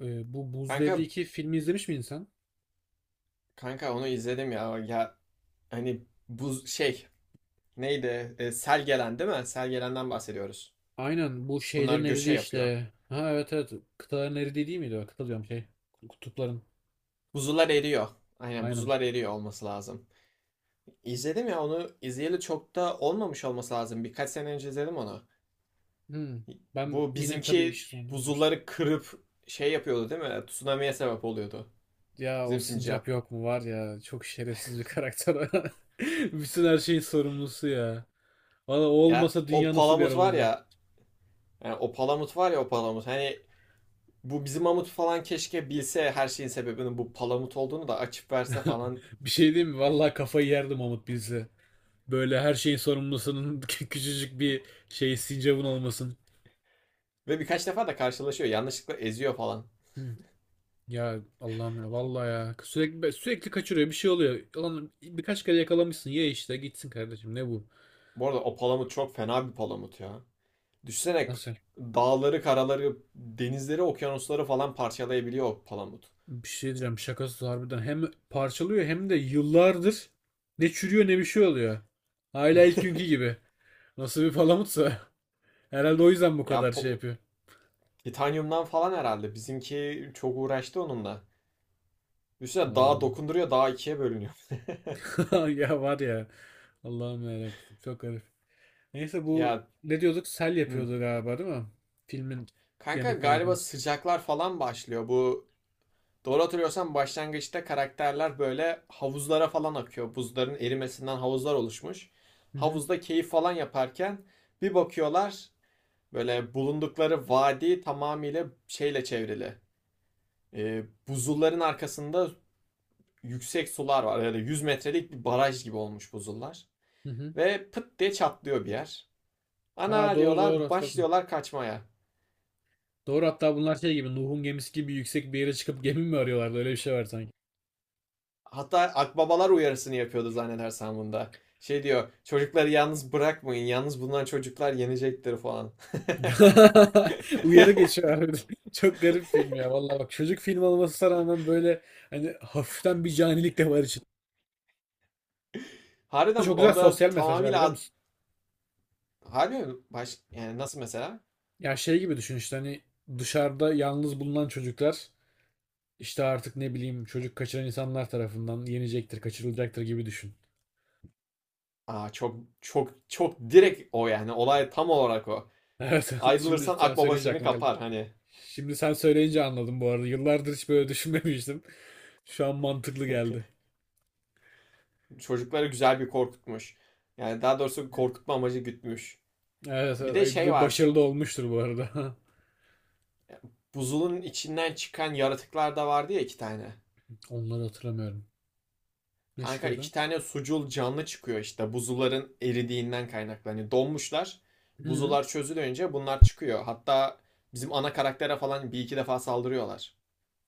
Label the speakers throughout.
Speaker 1: Bu Buz Devri
Speaker 2: Kanka
Speaker 1: 2 filmi izlemiş miydin sen?
Speaker 2: kanka, onu izledim ya. Ya hani bu şey, neydi? Sel gelen değil mi? Sel gelenden bahsediyoruz.
Speaker 1: Aynen bu
Speaker 2: Bunlar
Speaker 1: şeylerin
Speaker 2: göçe
Speaker 1: eridiği
Speaker 2: yapıyor.
Speaker 1: işte. Ha, evet, evet, kıtaların eridiği değil miydi? O? Kıta diyorum şey. Kutupların.
Speaker 2: Buzullar eriyor. Aynen,
Speaker 1: Aynen.
Speaker 2: buzullar eriyor olması lazım. İzledim ya, onu izleyeli çok da olmamış olması lazım. Birkaç sene önce izledim onu.
Speaker 1: Hmm. Ben
Speaker 2: Bu
Speaker 1: yine tabii
Speaker 2: bizimki
Speaker 1: iş sonunda izlemiştim.
Speaker 2: buzulları kırıp şey yapıyordu değil mi? Tsunami'ye sebep oluyordu.
Speaker 1: Ya o
Speaker 2: Bizim simcap.
Speaker 1: sincap yok mu var ya, çok şerefsiz bir karakter. Bütün her şeyin sorumlusu ya. Valla o
Speaker 2: Ya,
Speaker 1: olmasa
Speaker 2: o
Speaker 1: dünya nasıl bir yer
Speaker 2: palamut var
Speaker 1: olurdu?
Speaker 2: ya. Yani o palamut var ya, o palamut. Hani bu bizim Mamut falan keşke bilse her şeyin sebebinin bu palamut olduğunu da açıp verse falan.
Speaker 1: Bir şey diyeyim mi? Valla kafayı yerdim Mahmut bilse. Böyle her şeyin sorumlusunun küçücük bir şey sincapın olmasın.
Speaker 2: Ve birkaç defa da karşılaşıyor. Yanlışlıkla eziyor falan.
Speaker 1: Hmm. Ya Allah'ım ya, vallahi ya sürekli sürekli kaçırıyor, bir şey oluyor. Lan birkaç kere yakalamışsın, ye işte gitsin kardeşim, ne bu?
Speaker 2: Bu arada, o palamut çok fena bir palamut ya. Düşünsene,
Speaker 1: Nasıl?
Speaker 2: dağları, karaları, denizleri, okyanusları falan parçalayabiliyor o palamut.
Speaker 1: Bir şey diyeceğim, şakasız harbiden hem parçalıyor hem de yıllardır ne çürüyor ne bir şey oluyor. Hala ilk günkü gibi. Nasıl bir palamutsa. Herhalde o yüzden bu
Speaker 2: Ya
Speaker 1: kadar şey
Speaker 2: po-
Speaker 1: yapıyor.
Speaker 2: Titanyumdan falan herhalde. Bizimki çok uğraştı onunla. Düşünsene, dağa
Speaker 1: Vallahi.
Speaker 2: dokunduruyor, dağ ikiye bölünüyor.
Speaker 1: Ya var ya. Allah'ım ya, çok garip. Neyse, bu
Speaker 2: Ya,
Speaker 1: ne diyorduk? Sel
Speaker 2: hı.
Speaker 1: yapıyordu galiba, değil mi? Filmin
Speaker 2: Kanka
Speaker 1: yanık
Speaker 2: galiba
Speaker 1: kanatını.
Speaker 2: sıcaklar falan başlıyor. Bu doğru hatırlıyorsam, başlangıçta karakterler böyle havuzlara falan akıyor. Buzların erimesinden havuzlar oluşmuş.
Speaker 1: Hı hı.
Speaker 2: Havuzda keyif falan yaparken bir bakıyorlar, böyle bulundukları vadi tamamıyla şeyle çevrili. Buzulların arkasında yüksek sular var. Yani 100 metrelik bir baraj gibi olmuş buzullar.
Speaker 1: Hı hı.
Speaker 2: Ve pıt diye çatlıyor bir yer.
Speaker 1: Ha
Speaker 2: Ana
Speaker 1: doğru doğru
Speaker 2: diyorlar,
Speaker 1: hatırladım.
Speaker 2: başlıyorlar kaçmaya.
Speaker 1: Doğru, hatta bunlar şey gibi, Nuh'un gemisi gibi yüksek bir yere çıkıp gemi mi arıyorlardı, öyle bir şey var sanki.
Speaker 2: Hatta akbabalar uyarısını yapıyordu zannedersem bunda. Şey diyor, çocukları yalnız bırakmayın. Yalnız bundan çocuklar yenecektir falan.
Speaker 1: Uyarı geçiyor. Çok garip film ya, vallahi bak çocuk film olmasına rağmen böyle hani hafiften bir canilik de var içinde.
Speaker 2: Harbiden
Speaker 1: Çok güzel
Speaker 2: orada
Speaker 1: sosyal mesajlar,
Speaker 2: tamamıyla
Speaker 1: biliyor musun?
Speaker 2: harbi. Baş, yani nasıl mesela?
Speaker 1: Ya şey gibi düşün işte, hani dışarıda yalnız bulunan çocuklar işte artık ne bileyim çocuk kaçıran insanlar tarafından yenecektir, kaçırılacaktır gibi düşün.
Speaker 2: Aa, çok çok çok direkt o yani. Olay tam olarak o.
Speaker 1: Evet, şimdi
Speaker 2: Ayrılırsan
Speaker 1: sen
Speaker 2: akbaba
Speaker 1: söyleyince
Speaker 2: seni
Speaker 1: aklıma geldi.
Speaker 2: kapar hani.
Speaker 1: Şimdi sen söyleyince anladım bu arada. Yıllardır hiç böyle düşünmemiştim. Şu an mantıklı geldi.
Speaker 2: Çocukları güzel bir korkutmuş. Yani daha doğrusu korkutma amacı gütmüş.
Speaker 1: Evet
Speaker 2: Bir
Speaker 1: evet.
Speaker 2: de
Speaker 1: Ay,
Speaker 2: şey
Speaker 1: ve
Speaker 2: var.
Speaker 1: başarılı da olmuştur bu arada.
Speaker 2: Buzulun içinden çıkan yaratıklar da vardı ya, iki tane.
Speaker 1: Onları hatırlamıyorum. Ne
Speaker 2: Kanka
Speaker 1: çıkıyordu?
Speaker 2: iki tane sucul canlı çıkıyor işte, buzulların eridiğinden kaynaklanıyor. Donmuşlar.
Speaker 1: Hı.
Speaker 2: Buzular çözülünce bunlar çıkıyor. Hatta bizim ana karaktere falan bir iki defa saldırıyorlar.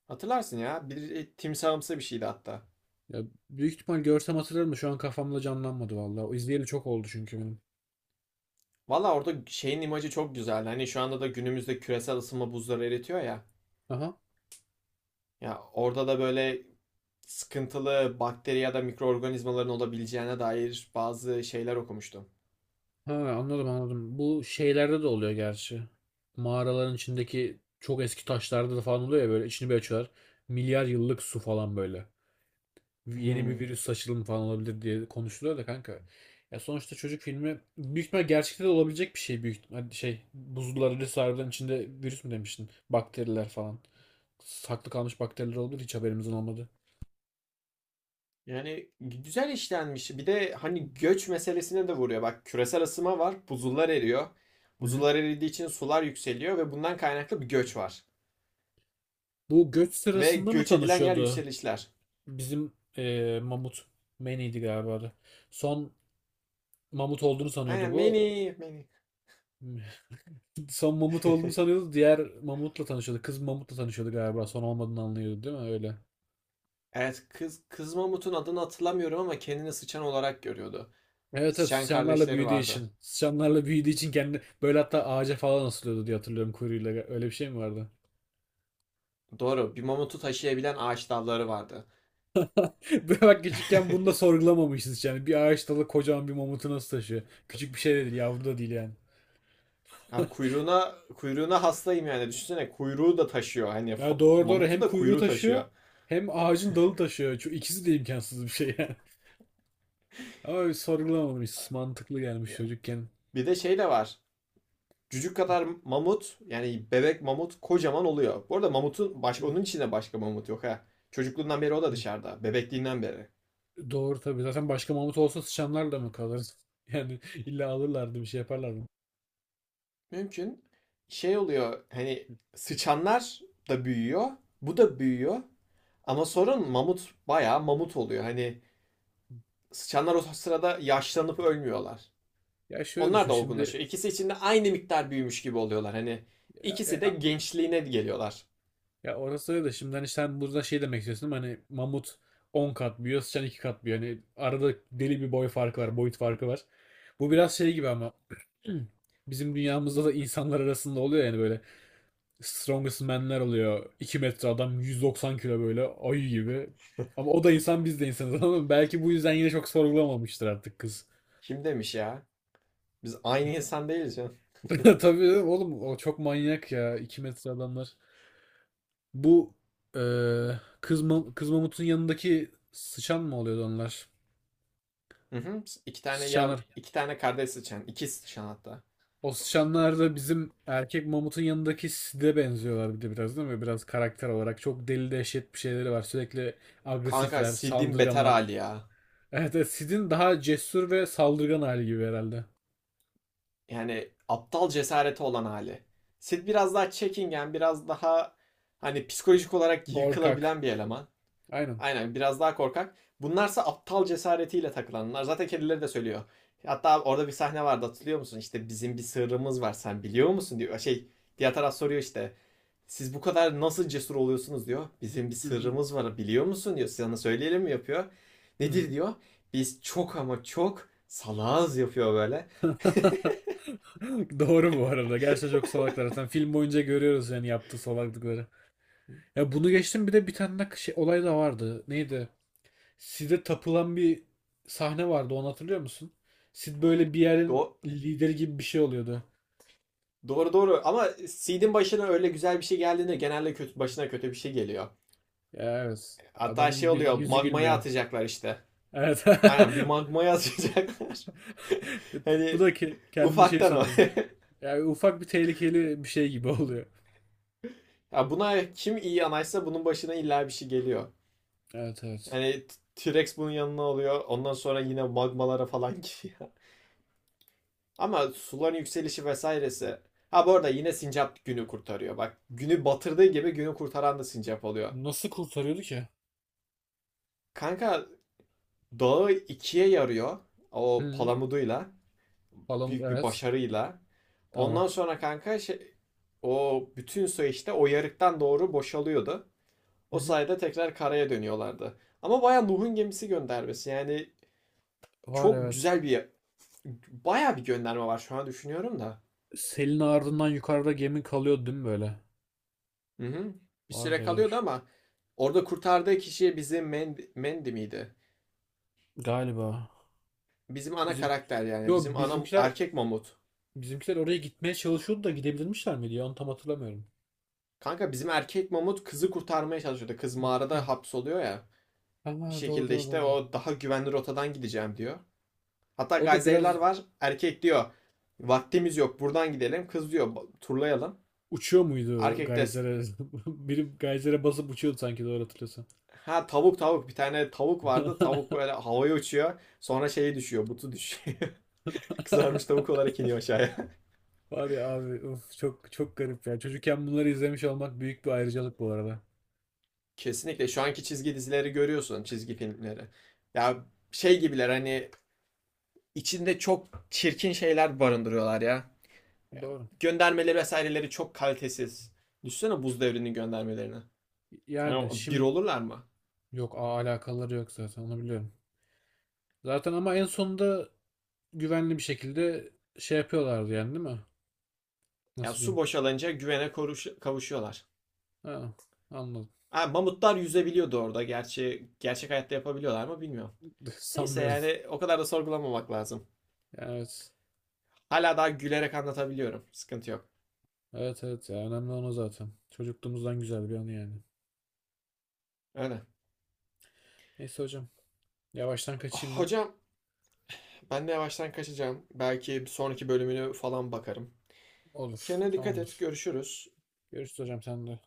Speaker 2: Hatırlarsın ya. Bir timsahımsı bir şeydi hatta.
Speaker 1: Ya, büyük ihtimal görsem hatırlarım da şu an kafamda canlanmadı vallahi. O izleyeli çok oldu çünkü benim.
Speaker 2: Valla orada şeyin imajı çok güzel. Hani şu anda da günümüzde küresel ısınma buzları eritiyor ya.
Speaker 1: Aha.
Speaker 2: Ya orada da böyle sıkıntılı bakteri ya da mikroorganizmaların olabileceğine dair bazı şeyler okumuştum.
Speaker 1: Ha, anladım anladım. Bu şeylerde de oluyor gerçi. Mağaraların içindeki çok eski taşlarda da falan oluyor ya, böyle içini bir açıyorlar. Milyar yıllık su falan böyle. Yeni bir
Speaker 2: Hmm.
Speaker 1: virüs saçılımı falan olabilir diye konuşuluyor da kanka. Ya sonuçta çocuk filmi, büyük ihtimal gerçekte de olabilecek bir şey. Şey, buzullar öyle harbiden içinde virüs mü demiştin? Bakteriler falan. Saklı kalmış bakteriler olabilir, hiç haberimizin olmadı.
Speaker 2: Yani güzel işlenmiş. Bir de hani göç meselesine de vuruyor. Bak, küresel ısınma var, buzullar eriyor.
Speaker 1: Hı hı.
Speaker 2: Buzullar eridiği için sular yükseliyor ve bundan kaynaklı bir göç var.
Speaker 1: Bu göç
Speaker 2: Ve
Speaker 1: sırasında mı
Speaker 2: göç edilen yer
Speaker 1: tanışıyordu
Speaker 2: yükselişler.
Speaker 1: bizim Mamut? Manny'di galiba adı. Son Mamut olduğunu
Speaker 2: He,
Speaker 1: sanıyordu bu.
Speaker 2: many, many.
Speaker 1: Son Mamut olduğunu sanıyordu. Diğer Mamut'la tanışıyordu. Kız Mamut'la tanışıyordu galiba. Son olmadığını anlıyordu, değil mi? Öyle.
Speaker 2: Evet, kız mamutun adını hatırlamıyorum ama kendini sıçan olarak görüyordu.
Speaker 1: Evet evet,
Speaker 2: Sıçan
Speaker 1: sıçanlarla
Speaker 2: kardeşleri
Speaker 1: büyüdüğü
Speaker 2: vardı.
Speaker 1: için. Sıçanlarla büyüdüğü için kendi böyle hatta ağaca falan asılıyordu diye hatırlıyorum, kuyruğuyla. Öyle bir şey mi vardı?
Speaker 2: Doğru, bir mamutu taşıyabilen ağaç dalları vardı.
Speaker 1: Bak, küçükken bunu da sorgulamamışız yani. Bir ağaç dalı kocaman bir mamutu nasıl taşıyor? Küçük bir şey de değil, yavru da değil yani.
Speaker 2: Ya, kuyruğuna hastayım yani. Düşünsene, kuyruğu da taşıyor. Hani
Speaker 1: Ya doğru doğru,
Speaker 2: mamutu
Speaker 1: hem
Speaker 2: da
Speaker 1: kuyruğu
Speaker 2: kuyruğu
Speaker 1: taşıyor
Speaker 2: taşıyor.
Speaker 1: hem ağacın dalı taşıyor. Şu ikisi de imkansız bir şey yani. Ama biz sorgulamamışız. Mantıklı gelmiş çocukken.
Speaker 2: Bir de şey de var. Cücük kadar mamut, yani bebek mamut kocaman oluyor. Bu arada mamutun baş, onun içinde başka mamut yok ha. Çocukluğundan beri o da
Speaker 1: Hı.
Speaker 2: dışarıda. Bebekliğinden beri.
Speaker 1: Doğru tabii. Zaten başka mamut olsa sıçanlar da mı kalır? Yani illa alırlardı, bir şey yaparlardı.
Speaker 2: Mümkün. Şey oluyor, hani sıçanlar da büyüyor. Bu da büyüyor. Ama sorun, mamut bayağı mamut oluyor. Hani sıçanlar o sırada yaşlanıp ölmüyorlar.
Speaker 1: Ya şöyle
Speaker 2: Onlar
Speaker 1: düşün
Speaker 2: da
Speaker 1: şimdi.
Speaker 2: olgunlaşıyor. İkisi içinde aynı miktar büyümüş gibi oluyorlar. Hani ikisi de gençliğine geliyorlar.
Speaker 1: Ya orası öyle de, şimdi hani sen burada şey demek istiyorsun ama hani mamut 10 kat büyüyor, sıçan 2 kat büyüyor. Hani arada deli bir boy farkı var, boyut farkı var. Bu biraz şey gibi ama bizim dünyamızda da insanlar arasında oluyor yani, böyle strongest man'ler oluyor. 2 metre adam 190 kilo, böyle ayı gibi. Ama o da insan biz de insanız ama belki bu yüzden yine çok sorgulamamıştır artık kız.
Speaker 2: Kim demiş ya? Biz aynı insan değiliz ya.
Speaker 1: Tabii oğlum, o çok manyak ya 2 metre adamlar. Bu kız, kız mamutun yanındaki sıçan mı oluyordu onlar?
Speaker 2: Hı hı. İki tane yav,
Speaker 1: Sıçanlar.
Speaker 2: iki tane kardeş sıçan, iki sıçan hatta.
Speaker 1: O sıçanlar da bizim erkek mamutun yanındaki side benziyorlar bir de biraz, değil mi? Biraz karakter olarak. Çok deli dehşet bir şeyleri var. Sürekli
Speaker 2: Kanka
Speaker 1: agresifler,
Speaker 2: Sid'in beter
Speaker 1: saldırganlar.
Speaker 2: hali ya.
Speaker 1: Evet, evet, Sid'in daha cesur ve saldırgan hali gibi herhalde.
Speaker 2: Yani aptal cesareti olan hali. Sid biraz daha çekingen, biraz daha hani psikolojik olarak
Speaker 1: Korkak.
Speaker 2: yıkılabilen bir eleman.
Speaker 1: Aynen.
Speaker 2: Aynen, biraz daha korkak. Bunlarsa aptal cesaretiyle takılanlar. Zaten kedileri de söylüyor. Hatta orada bir sahne vardı, hatırlıyor musun? İşte bizim bir sırrımız var, sen biliyor musun diyor. Şey, diğer taraf soruyor işte. Siz bu kadar nasıl cesur oluyorsunuz diyor. Bizim bir
Speaker 1: Hı hı.
Speaker 2: sırrımız var biliyor musun diyor. Sana söyleyelim mi yapıyor. Nedir diyor. Biz çok ama çok salağız yapıyor böyle.
Speaker 1: Doğru bu arada. Gerçekten çok salaklar. Zaten film boyunca görüyoruz yani, yaptığı salaklıkları. Ya bunu geçtim, bir de bir tane de şey, olay da vardı. Neydi? Sid'e tapılan bir sahne vardı, onu hatırlıyor musun? Sid böyle bir yerin
Speaker 2: Do-
Speaker 1: lideri gibi bir şey oluyordu.
Speaker 2: doğru doğru, ama Seed'in başına öyle güzel bir şey geldiğinde genelde kötü, başına kötü bir şey geliyor.
Speaker 1: Ya evet.
Speaker 2: Hatta şey
Speaker 1: Adamın bir
Speaker 2: oluyor,
Speaker 1: yüzü
Speaker 2: magmaya
Speaker 1: gülmüyor.
Speaker 2: atacaklar işte.
Speaker 1: Evet.
Speaker 2: Aynen, bir magmaya atacaklar.
Speaker 1: Bu
Speaker 2: Hani
Speaker 1: da kendini şey
Speaker 2: ufaktan o.
Speaker 1: sanıyor. Yani ufak bir tehlikeli bir şey gibi oluyor.
Speaker 2: Ya buna kim iyi anaysa, bunun başına illa bir şey geliyor.
Speaker 1: Evet evet.
Speaker 2: Yani T- rex bunun yanına oluyor. Ondan sonra yine magmalara falan giriyor. Ama suların yükselişi vesairesi. Ha, bu arada yine sincap günü kurtarıyor. Bak, günü batırdığı gibi günü kurtaran da sincap oluyor.
Speaker 1: Nasıl kurtarıyordu ki?
Speaker 2: Kanka dağı ikiye yarıyor. O
Speaker 1: Hı.
Speaker 2: palamuduyla.
Speaker 1: Falan
Speaker 2: Büyük bir
Speaker 1: evet.
Speaker 2: başarıyla.
Speaker 1: Tamam.
Speaker 2: Ondan sonra kanka şey, o bütün su işte o yarıktan doğru boşalıyordu.
Speaker 1: Hı
Speaker 2: O
Speaker 1: hı.
Speaker 2: sayede tekrar karaya dönüyorlardı. Ama bayağı Nuh'un gemisi göndermesi. Yani
Speaker 1: Var
Speaker 2: çok
Speaker 1: evet.
Speaker 2: güzel bir, bayağı bir gönderme var şu an düşünüyorum da.
Speaker 1: Selin ardından yukarıda gemi kalıyordu, değil mi böyle?
Speaker 2: Hı hı. Bir süre
Speaker 1: Vardı
Speaker 2: kalıyordu
Speaker 1: evet.
Speaker 2: ama orada kurtardığı kişi bizim Mandy miydi?
Speaker 1: Galiba.
Speaker 2: Bizim ana
Speaker 1: Bizim
Speaker 2: karakter yani.
Speaker 1: Yo
Speaker 2: Bizim ana
Speaker 1: bizimkiler
Speaker 2: erkek mamut.
Speaker 1: Bizimkiler oraya gitmeye çalışıyordu da gidebilirmişler miydi ya? Onu tam hatırlamıyorum.
Speaker 2: Kanka bizim erkek mamut kızı kurtarmaya çalışıyordu. Kız mağarada hapsoluyor ya. Bir
Speaker 1: Ama doğru
Speaker 2: şekilde
Speaker 1: doğru
Speaker 2: işte,
Speaker 1: doğru.
Speaker 2: o daha güvenli rotadan gideceğim diyor. Hatta
Speaker 1: O da
Speaker 2: gazeteciler
Speaker 1: biraz
Speaker 2: var. Erkek diyor, vaktimiz yok buradan gidelim. Kız diyor, "Ba- turlayalım."
Speaker 1: uçuyor muydu
Speaker 2: Erkek de
Speaker 1: Geyser'e? Biri Geyser'e basıp uçuyordu sanki, doğru hatırlıyorsam.
Speaker 2: ha, tavuk, bir tane tavuk vardı. Tavuk böyle havaya uçuyor. Sonra şeyi düşüyor. Butu düşüyor. Kızarmış tavuk olarak iniyor aşağıya.
Speaker 1: Var ya abi, of, çok çok garip ya. Çocukken bunları izlemiş olmak büyük bir ayrıcalık bu arada.
Speaker 2: Kesinlikle, şu anki çizgi dizileri görüyorsun, çizgi filmleri. Ya şey gibiler hani, içinde çok çirkin şeyler barındırıyorlar ya.
Speaker 1: Doğru.
Speaker 2: Göndermeleri vesaireleri çok kalitesiz. Düşünsene buz devrinin göndermelerini. Yani
Speaker 1: Yani
Speaker 2: bir
Speaker 1: şimdi
Speaker 2: olurlar mı?
Speaker 1: yok, alakaları yok zaten, onu biliyorum. Zaten ama en sonunda güvenli bir şekilde şey yapıyorlardı yani, değil mi?
Speaker 2: Ya
Speaker 1: Nasıl
Speaker 2: su
Speaker 1: diyeyim?
Speaker 2: boşalınca güvene, koruş kavuşuyorlar.
Speaker 1: Ha, anladım.
Speaker 2: Ha, mamutlar yüzebiliyordu orada. Gerçi gerçek hayatta yapabiliyorlar mı bilmiyorum. Neyse,
Speaker 1: Sanmıyorum.
Speaker 2: yani o kadar da sorgulamamak lazım.
Speaker 1: Yani evet.
Speaker 2: Hala daha gülerek anlatabiliyorum. Sıkıntı yok.
Speaker 1: Evet evet, ya önemli olan o zaten. Çocukluğumuzdan güzel bir anı yani.
Speaker 2: Öyle.
Speaker 1: Neyse hocam, yavaştan kaçayım ben.
Speaker 2: Hocam, ben de yavaştan kaçacağım. Belki sonraki bölümünü falan bakarım.
Speaker 1: Olur,
Speaker 2: Kendine dikkat et.
Speaker 1: tamamdır.
Speaker 2: Görüşürüz.
Speaker 1: Görüşürüz hocam, sen de.